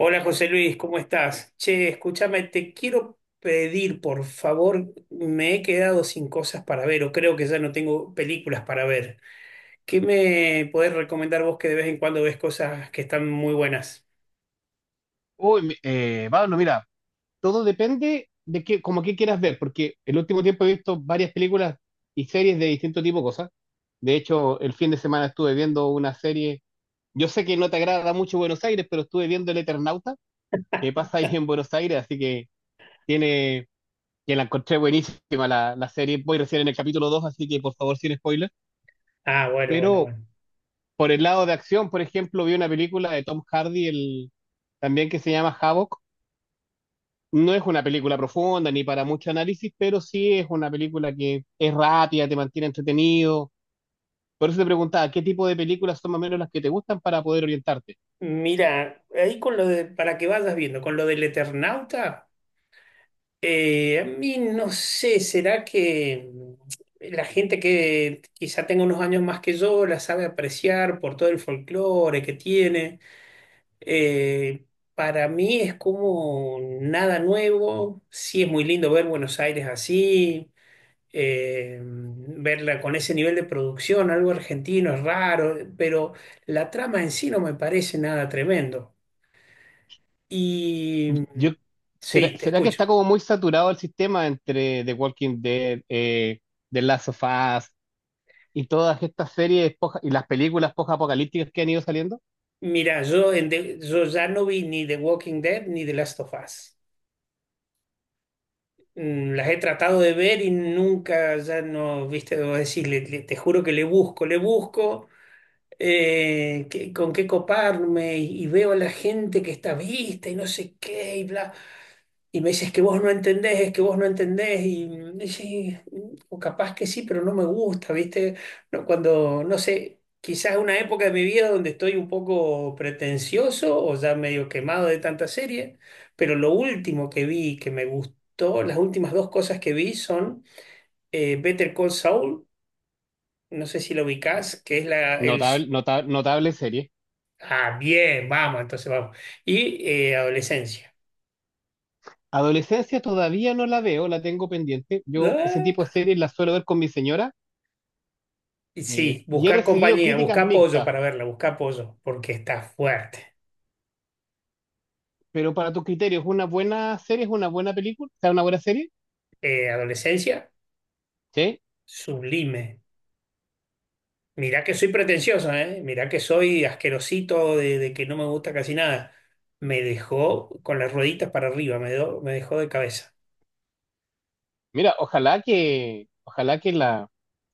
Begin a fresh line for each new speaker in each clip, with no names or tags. Hola José Luis, ¿cómo estás? Che, escúchame, te quiero pedir, por favor, me he quedado sin cosas para ver o creo que ya no tengo películas para ver. ¿Qué me podés recomendar vos que de vez en cuando ves cosas que están muy buenas?
Pablo, mira, todo depende de qué, como qué quieras ver, porque el último tiempo he visto varias películas y series de distinto tipo de cosas. De hecho, el fin de semana estuve viendo una serie. Yo sé que no te agrada mucho Buenos Aires, pero estuve viendo El Eternauta, que pasa ahí en Buenos Aires, así que tiene, que la encontré buenísima la serie. Voy recién en el capítulo 2, así que por favor, sin spoiler.
Ah, bueno, bueno,
Pero
bueno.
por el lado de acción, por ejemplo, vi una película de Tom Hardy, también que se llama Havoc. No es una película profunda ni para mucho análisis, pero sí es una película que es rápida, te mantiene entretenido. Por eso te preguntaba, ¿qué tipo de películas son más o menos las que te gustan para poder orientarte?
Mira, ahí con lo de, para que vayas viendo, con lo del Eternauta, a mí no sé, ¿será que la gente que quizá tenga unos años más que yo la sabe apreciar por todo el folclore que tiene? Eh, para mí es como nada nuevo. Sí, es muy lindo ver Buenos Aires así, verla con ese nivel de producción, algo argentino, es raro, pero la trama en sí no me parece nada tremendo. Y
Yo, ¿será,
sí, te
será que
escucho.
está como muy saturado el sistema entre The Walking Dead, The Last of Us y todas estas series y las películas post-apocalípticas que han ido saliendo?
Mira, yo, yo ya no vi ni The Walking Dead ni The Last of Us. Mm, las he tratado de ver y nunca, ya no, viste, debo decirle, te juro que le busco, le busco. Con qué coparme y veo a la gente que está vista y no sé qué y bla. Y me dices que vos no entendés, es que vos no entendés y y sí, o capaz que sí, pero no me gusta, ¿viste? No, cuando, no sé, quizás una época de mi vida donde estoy un poco pretencioso o ya medio quemado de tanta serie, pero lo último que vi que me gustó, las últimas dos cosas que vi son Better Call Saul, no sé si lo ubicás, que es el...
Notable, notable serie.
Ah, bien, vamos, entonces vamos. Y adolescencia.
Adolescencia todavía no la veo, la tengo pendiente. Yo ese tipo
Ah,
de series las suelo ver con mi señora.
y sí,
Y he
busca
recibido
compañía,
críticas
busca apoyo
mixtas,
para verla, busca apoyo, porque está fuerte.
pero para tus criterios, ¿es una buena serie? ¿Es una buena película? ¿Es una buena serie?
Adolescencia,
Sí.
sublime. Mirá que soy pretencioso, ¿eh? Mirá que soy asquerosito de que no me gusta casi nada. Me dejó con las rueditas para arriba, me dejó de cabeza.
Mira, ojalá que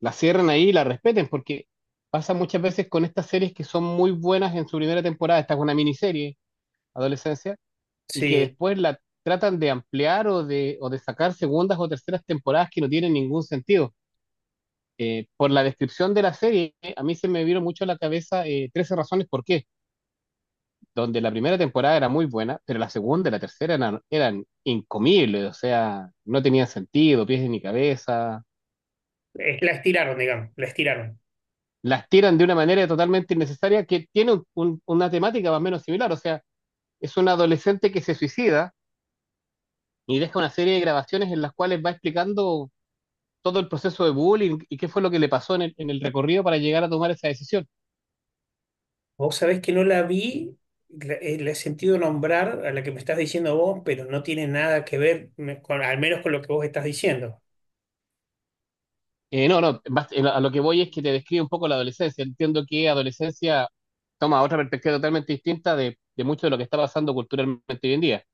la cierren ahí y la respeten, porque pasa muchas veces con estas series que son muy buenas en su primera temporada. Esta es una miniserie, adolescencia, y que
Sí,
después la tratan de ampliar o de sacar segundas o terceras temporadas que no tienen ningún sentido. Por la descripción de la serie, a mí se me vieron mucho a la cabeza 13 razones por qué, donde la primera temporada era muy buena, pero la segunda y la tercera eran incomibles, o sea, no tenían sentido, pies ni cabeza.
la estiraron, digamos, la estiraron.
Las tiran de una manera totalmente innecesaria que tiene una temática más o menos similar, o sea, es un adolescente que se suicida y deja una serie de grabaciones en las cuales va explicando todo el proceso de bullying y qué fue lo que le pasó en en el recorrido para llegar a tomar esa decisión.
Vos sabés que no la vi, la he sentido nombrar a la que me estás diciendo vos, pero no tiene nada que ver, con, al menos con lo que vos estás diciendo.
No, no, bas- A lo que voy es que te describe un poco la adolescencia. Entiendo que adolescencia toma otra perspectiva totalmente distinta de mucho de lo que está pasando culturalmente hoy en día.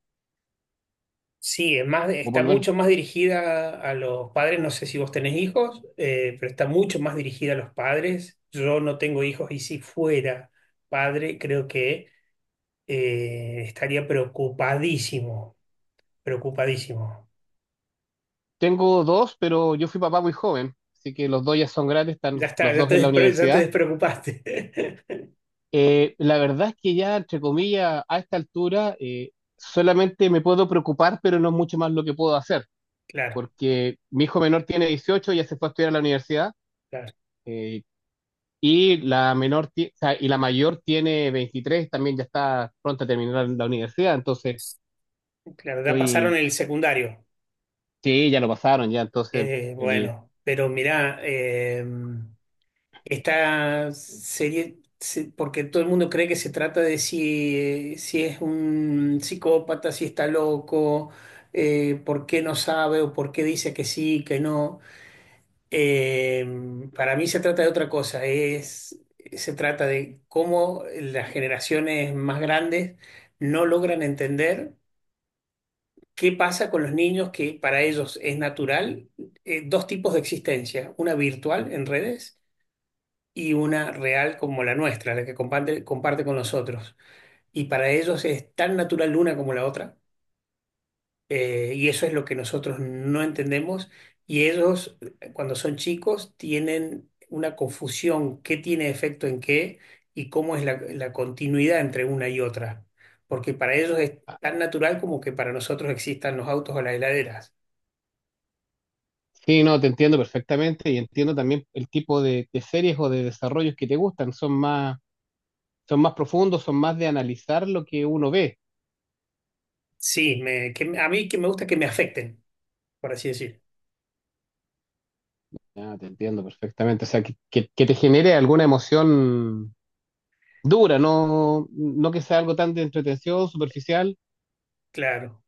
Sí, es más,
O
está
por lo menos
mucho más dirigida a los padres, no sé si vos tenés hijos, pero está mucho más dirigida a los padres. Yo no tengo hijos y si fuera padre, creo que estaría preocupadísimo, preocupadísimo.
tengo dos, pero yo fui papá muy joven, así que los dos ya son grandes, están
Ya está,
los dos en la
ya te
universidad.
despreocupaste.
La verdad es que ya, entre comillas, a esta altura solamente me puedo preocupar, pero no es mucho más lo que puedo hacer,
Claro,
porque mi hijo menor tiene 18, ya se fue a estudiar a la universidad.
claro,
eh, Y la menor, o sea, y la mayor tiene 23, también ya está pronta a terminar la universidad, entonces
claro, ya pasaron
estoy,
el secundario.
sí, ya lo pasaron, ya, entonces, el,
Bueno, pero mirá, esta serie, porque todo el mundo cree que se trata de si, si es un psicópata, si está loco, por qué no sabe o por qué dice que sí, que no. Eh, para mí se trata de otra cosa, es, se trata de cómo las generaciones más grandes no logran entender. ¿Qué pasa con los niños que para ellos es natural? Dos tipos de existencia, una virtual en redes y una real como la nuestra, la que comparte con nosotros. Y para ellos es tan natural una como la otra, y eso es lo que nosotros no entendemos. Y ellos, cuando son chicos, tienen una confusión, qué tiene efecto en qué y cómo es la continuidad entre una y otra. Porque para ellos es
ah,
tan natural como que para nosotros existan los autos o las heladeras.
sí, no, te entiendo perfectamente y entiendo también el tipo de series o de desarrollos que te gustan, son más profundos, son más de analizar lo que uno ve,
Sí, a mí que me gusta que me afecten, por así decir.
ya, te entiendo perfectamente, o sea, que te genere alguna emoción dura, no que sea algo tan de entretención, superficial.
Claro,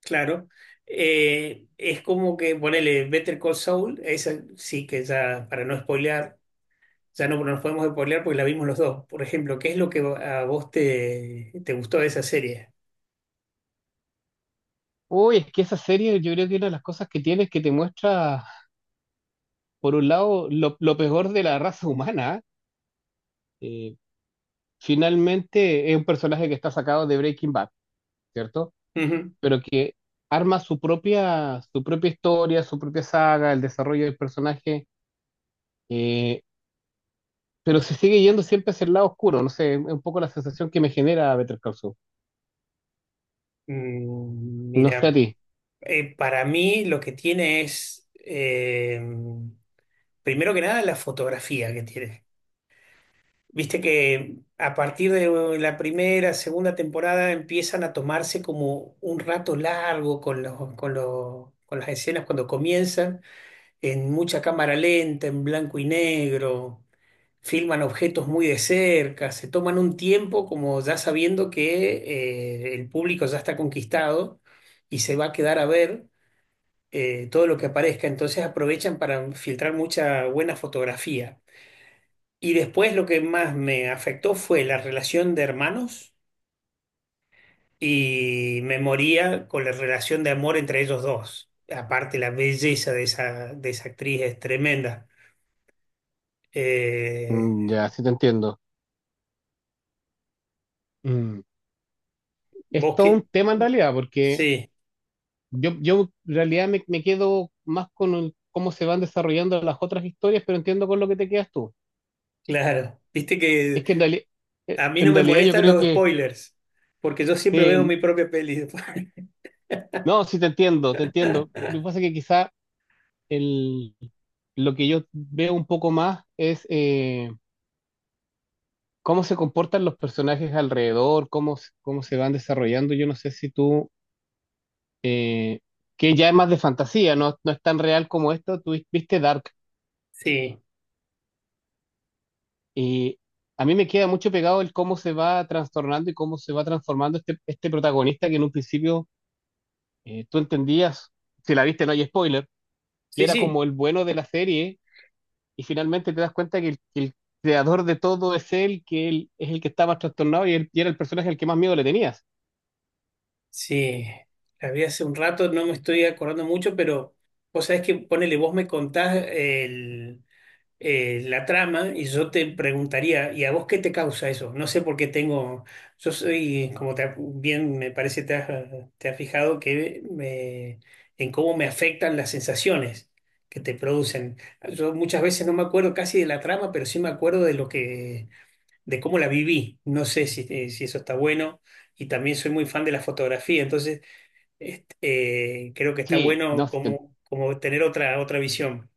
claro. Es como que ponele Better Call Saul, esa sí que ya, para no spoilear, ya no nos podemos spoilear porque la vimos los dos. Por ejemplo, ¿qué es lo que a vos te gustó de esa serie?
Uy, es que esa serie yo creo que una de las cosas que tiene es que te muestra, por un lado, lo peor de la raza humana, eh, finalmente es un personaje que está sacado de Breaking Bad, ¿cierto?
Ujú.
Pero que arma su propia historia, su propia saga, el desarrollo del personaje, eh, pero se sigue yendo siempre hacia el lado oscuro. No sé, es un poco la sensación que me genera Better Call Saul.
Mm,
No sé a
mira,
ti.
para mí lo que tiene es, primero que nada, la fotografía que tiene. Viste que a partir de la primera, segunda temporada empiezan a tomarse como un rato largo con con las escenas cuando comienzan, en mucha cámara lenta, en blanco y negro, filman objetos muy de cerca, se toman un tiempo como ya sabiendo que el público ya está conquistado y se va a quedar a ver todo lo que aparezca, entonces aprovechan para filtrar mucha buena fotografía. Y después lo que más me afectó fue la relación de hermanos y me moría con la relación de amor entre ellos dos. Aparte, la belleza de esa actriz es tremenda. Eh,
Ya, sí te entiendo. Mm. Es
vos
todo
que...
un tema en realidad, porque
Sí,
yo en realidad me quedo más con cómo se van desarrollando las otras historias, pero entiendo con lo que te quedas tú.
claro. Viste que
Es que
a mí no
en
me
realidad yo
molestan
creo
los
que,
spoilers, porque yo siempre veo
sí,
mi propia peli después.
no, sí te entiendo, te entiendo. Lo que pasa es que quizá el, lo que yo veo un poco más es cómo se comportan los personajes alrededor, cómo, cómo se van desarrollando. Yo no sé si tú, que ya es más de fantasía, no es tan real como esto, tú viste Dark.
Sí,
Y a mí me queda mucho pegado el cómo se va trastornando y cómo se va transformando este protagonista que en un principio tú entendías, si la viste no hay spoiler, que
sí,
era
sí,
como el bueno de la serie, y finalmente te das cuenta que el creador de todo es él, que él es el que está más trastornado y, y era el personaje al que más miedo le tenías.
sí. La vi hace un rato, no me estoy acordando mucho, pero vos sabés que, ponele, vos me contás el la trama y yo te preguntaría, ¿y a vos qué te causa eso? No sé por qué tengo, yo soy, bien me parece te has fijado, en cómo me afectan las sensaciones que te producen. Yo muchas veces no me acuerdo casi de la trama, pero sí me acuerdo de cómo la viví. No sé si, si eso está bueno. Y también soy muy fan de la fotografía, entonces este, creo que está
Sí,
bueno
no, sí,
como, como tener otra visión.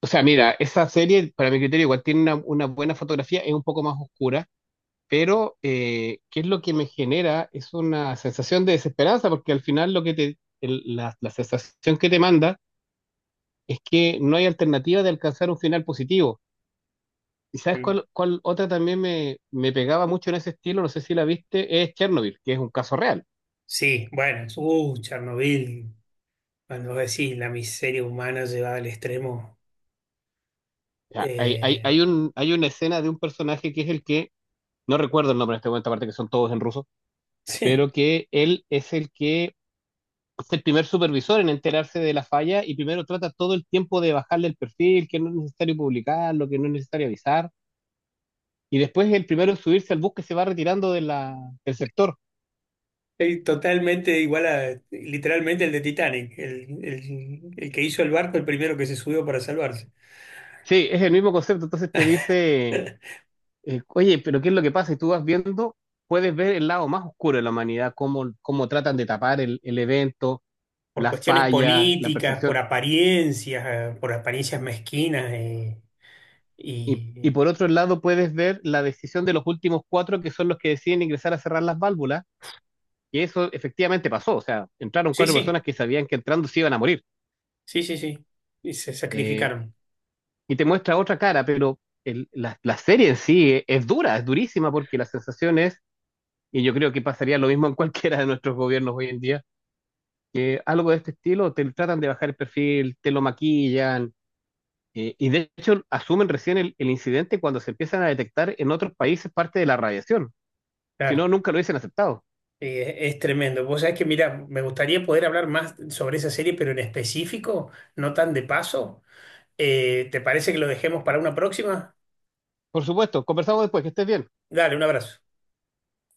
o sea, mira, esa serie, para mi criterio, igual tiene una buena fotografía, es un poco más oscura, pero ¿qué es lo que me genera? Es una sensación de desesperanza, porque al final lo que te, la sensación que te manda es que no hay alternativa de alcanzar un final positivo. ¿Y sabes
Mm.
cuál otra también me pegaba mucho en ese estilo? No sé si la viste, es Chernobyl, que es un caso real.
Sí, bueno, Chernobyl, cuando vos decís la miseria humana llevada al extremo,
O sea,
eh,
hay una escena de un personaje que es el que, no recuerdo el nombre en este momento, aparte que son todos en ruso,
sí,
pero que él es el que es el primer supervisor en enterarse de la falla y primero trata todo el tiempo de bajarle el perfil, que no es necesario publicarlo, que no es necesario avisar, y después el primero en subirse al bus que se va retirando de del sector.
es totalmente igual a literalmente el de Titanic, el que hizo el barco, el primero que se subió para salvarse.
Sí, es el mismo concepto, entonces te dice. Oye, pero ¿qué es lo que pasa? Y tú vas viendo, puedes ver el lado más oscuro de la humanidad, cómo tratan de tapar el evento,
Por
las
cuestiones
fallas, la
políticas,
percepción.
por apariencias mezquinas,
Y
y
por otro lado, puedes ver la decisión de los últimos 4 que son los que deciden ingresar a cerrar las válvulas, y eso efectivamente pasó. O sea, entraron
sí,
cuatro
sí,
personas que sabían que entrando se iban a morir.
sí, sí, sí, y se
Eh,
sacrificaron,
y te muestra otra cara, pero la serie en sí es dura, es durísima, porque la sensación es, y yo creo que pasaría lo mismo en cualquiera de nuestros gobiernos hoy en día que algo de este estilo te tratan de bajar el perfil, te lo maquillan, y de hecho asumen recién el incidente cuando se empiezan a detectar en otros países parte de la radiación, si no,
claro.
nunca lo hubiesen aceptado.
Es tremendo. Vos sabés que, mira, me gustaría poder hablar más sobre esa serie, pero en específico, no tan de paso. ¿Te parece que lo dejemos para una próxima?
Por supuesto, conversamos después, que estés bien.
Dale, un abrazo.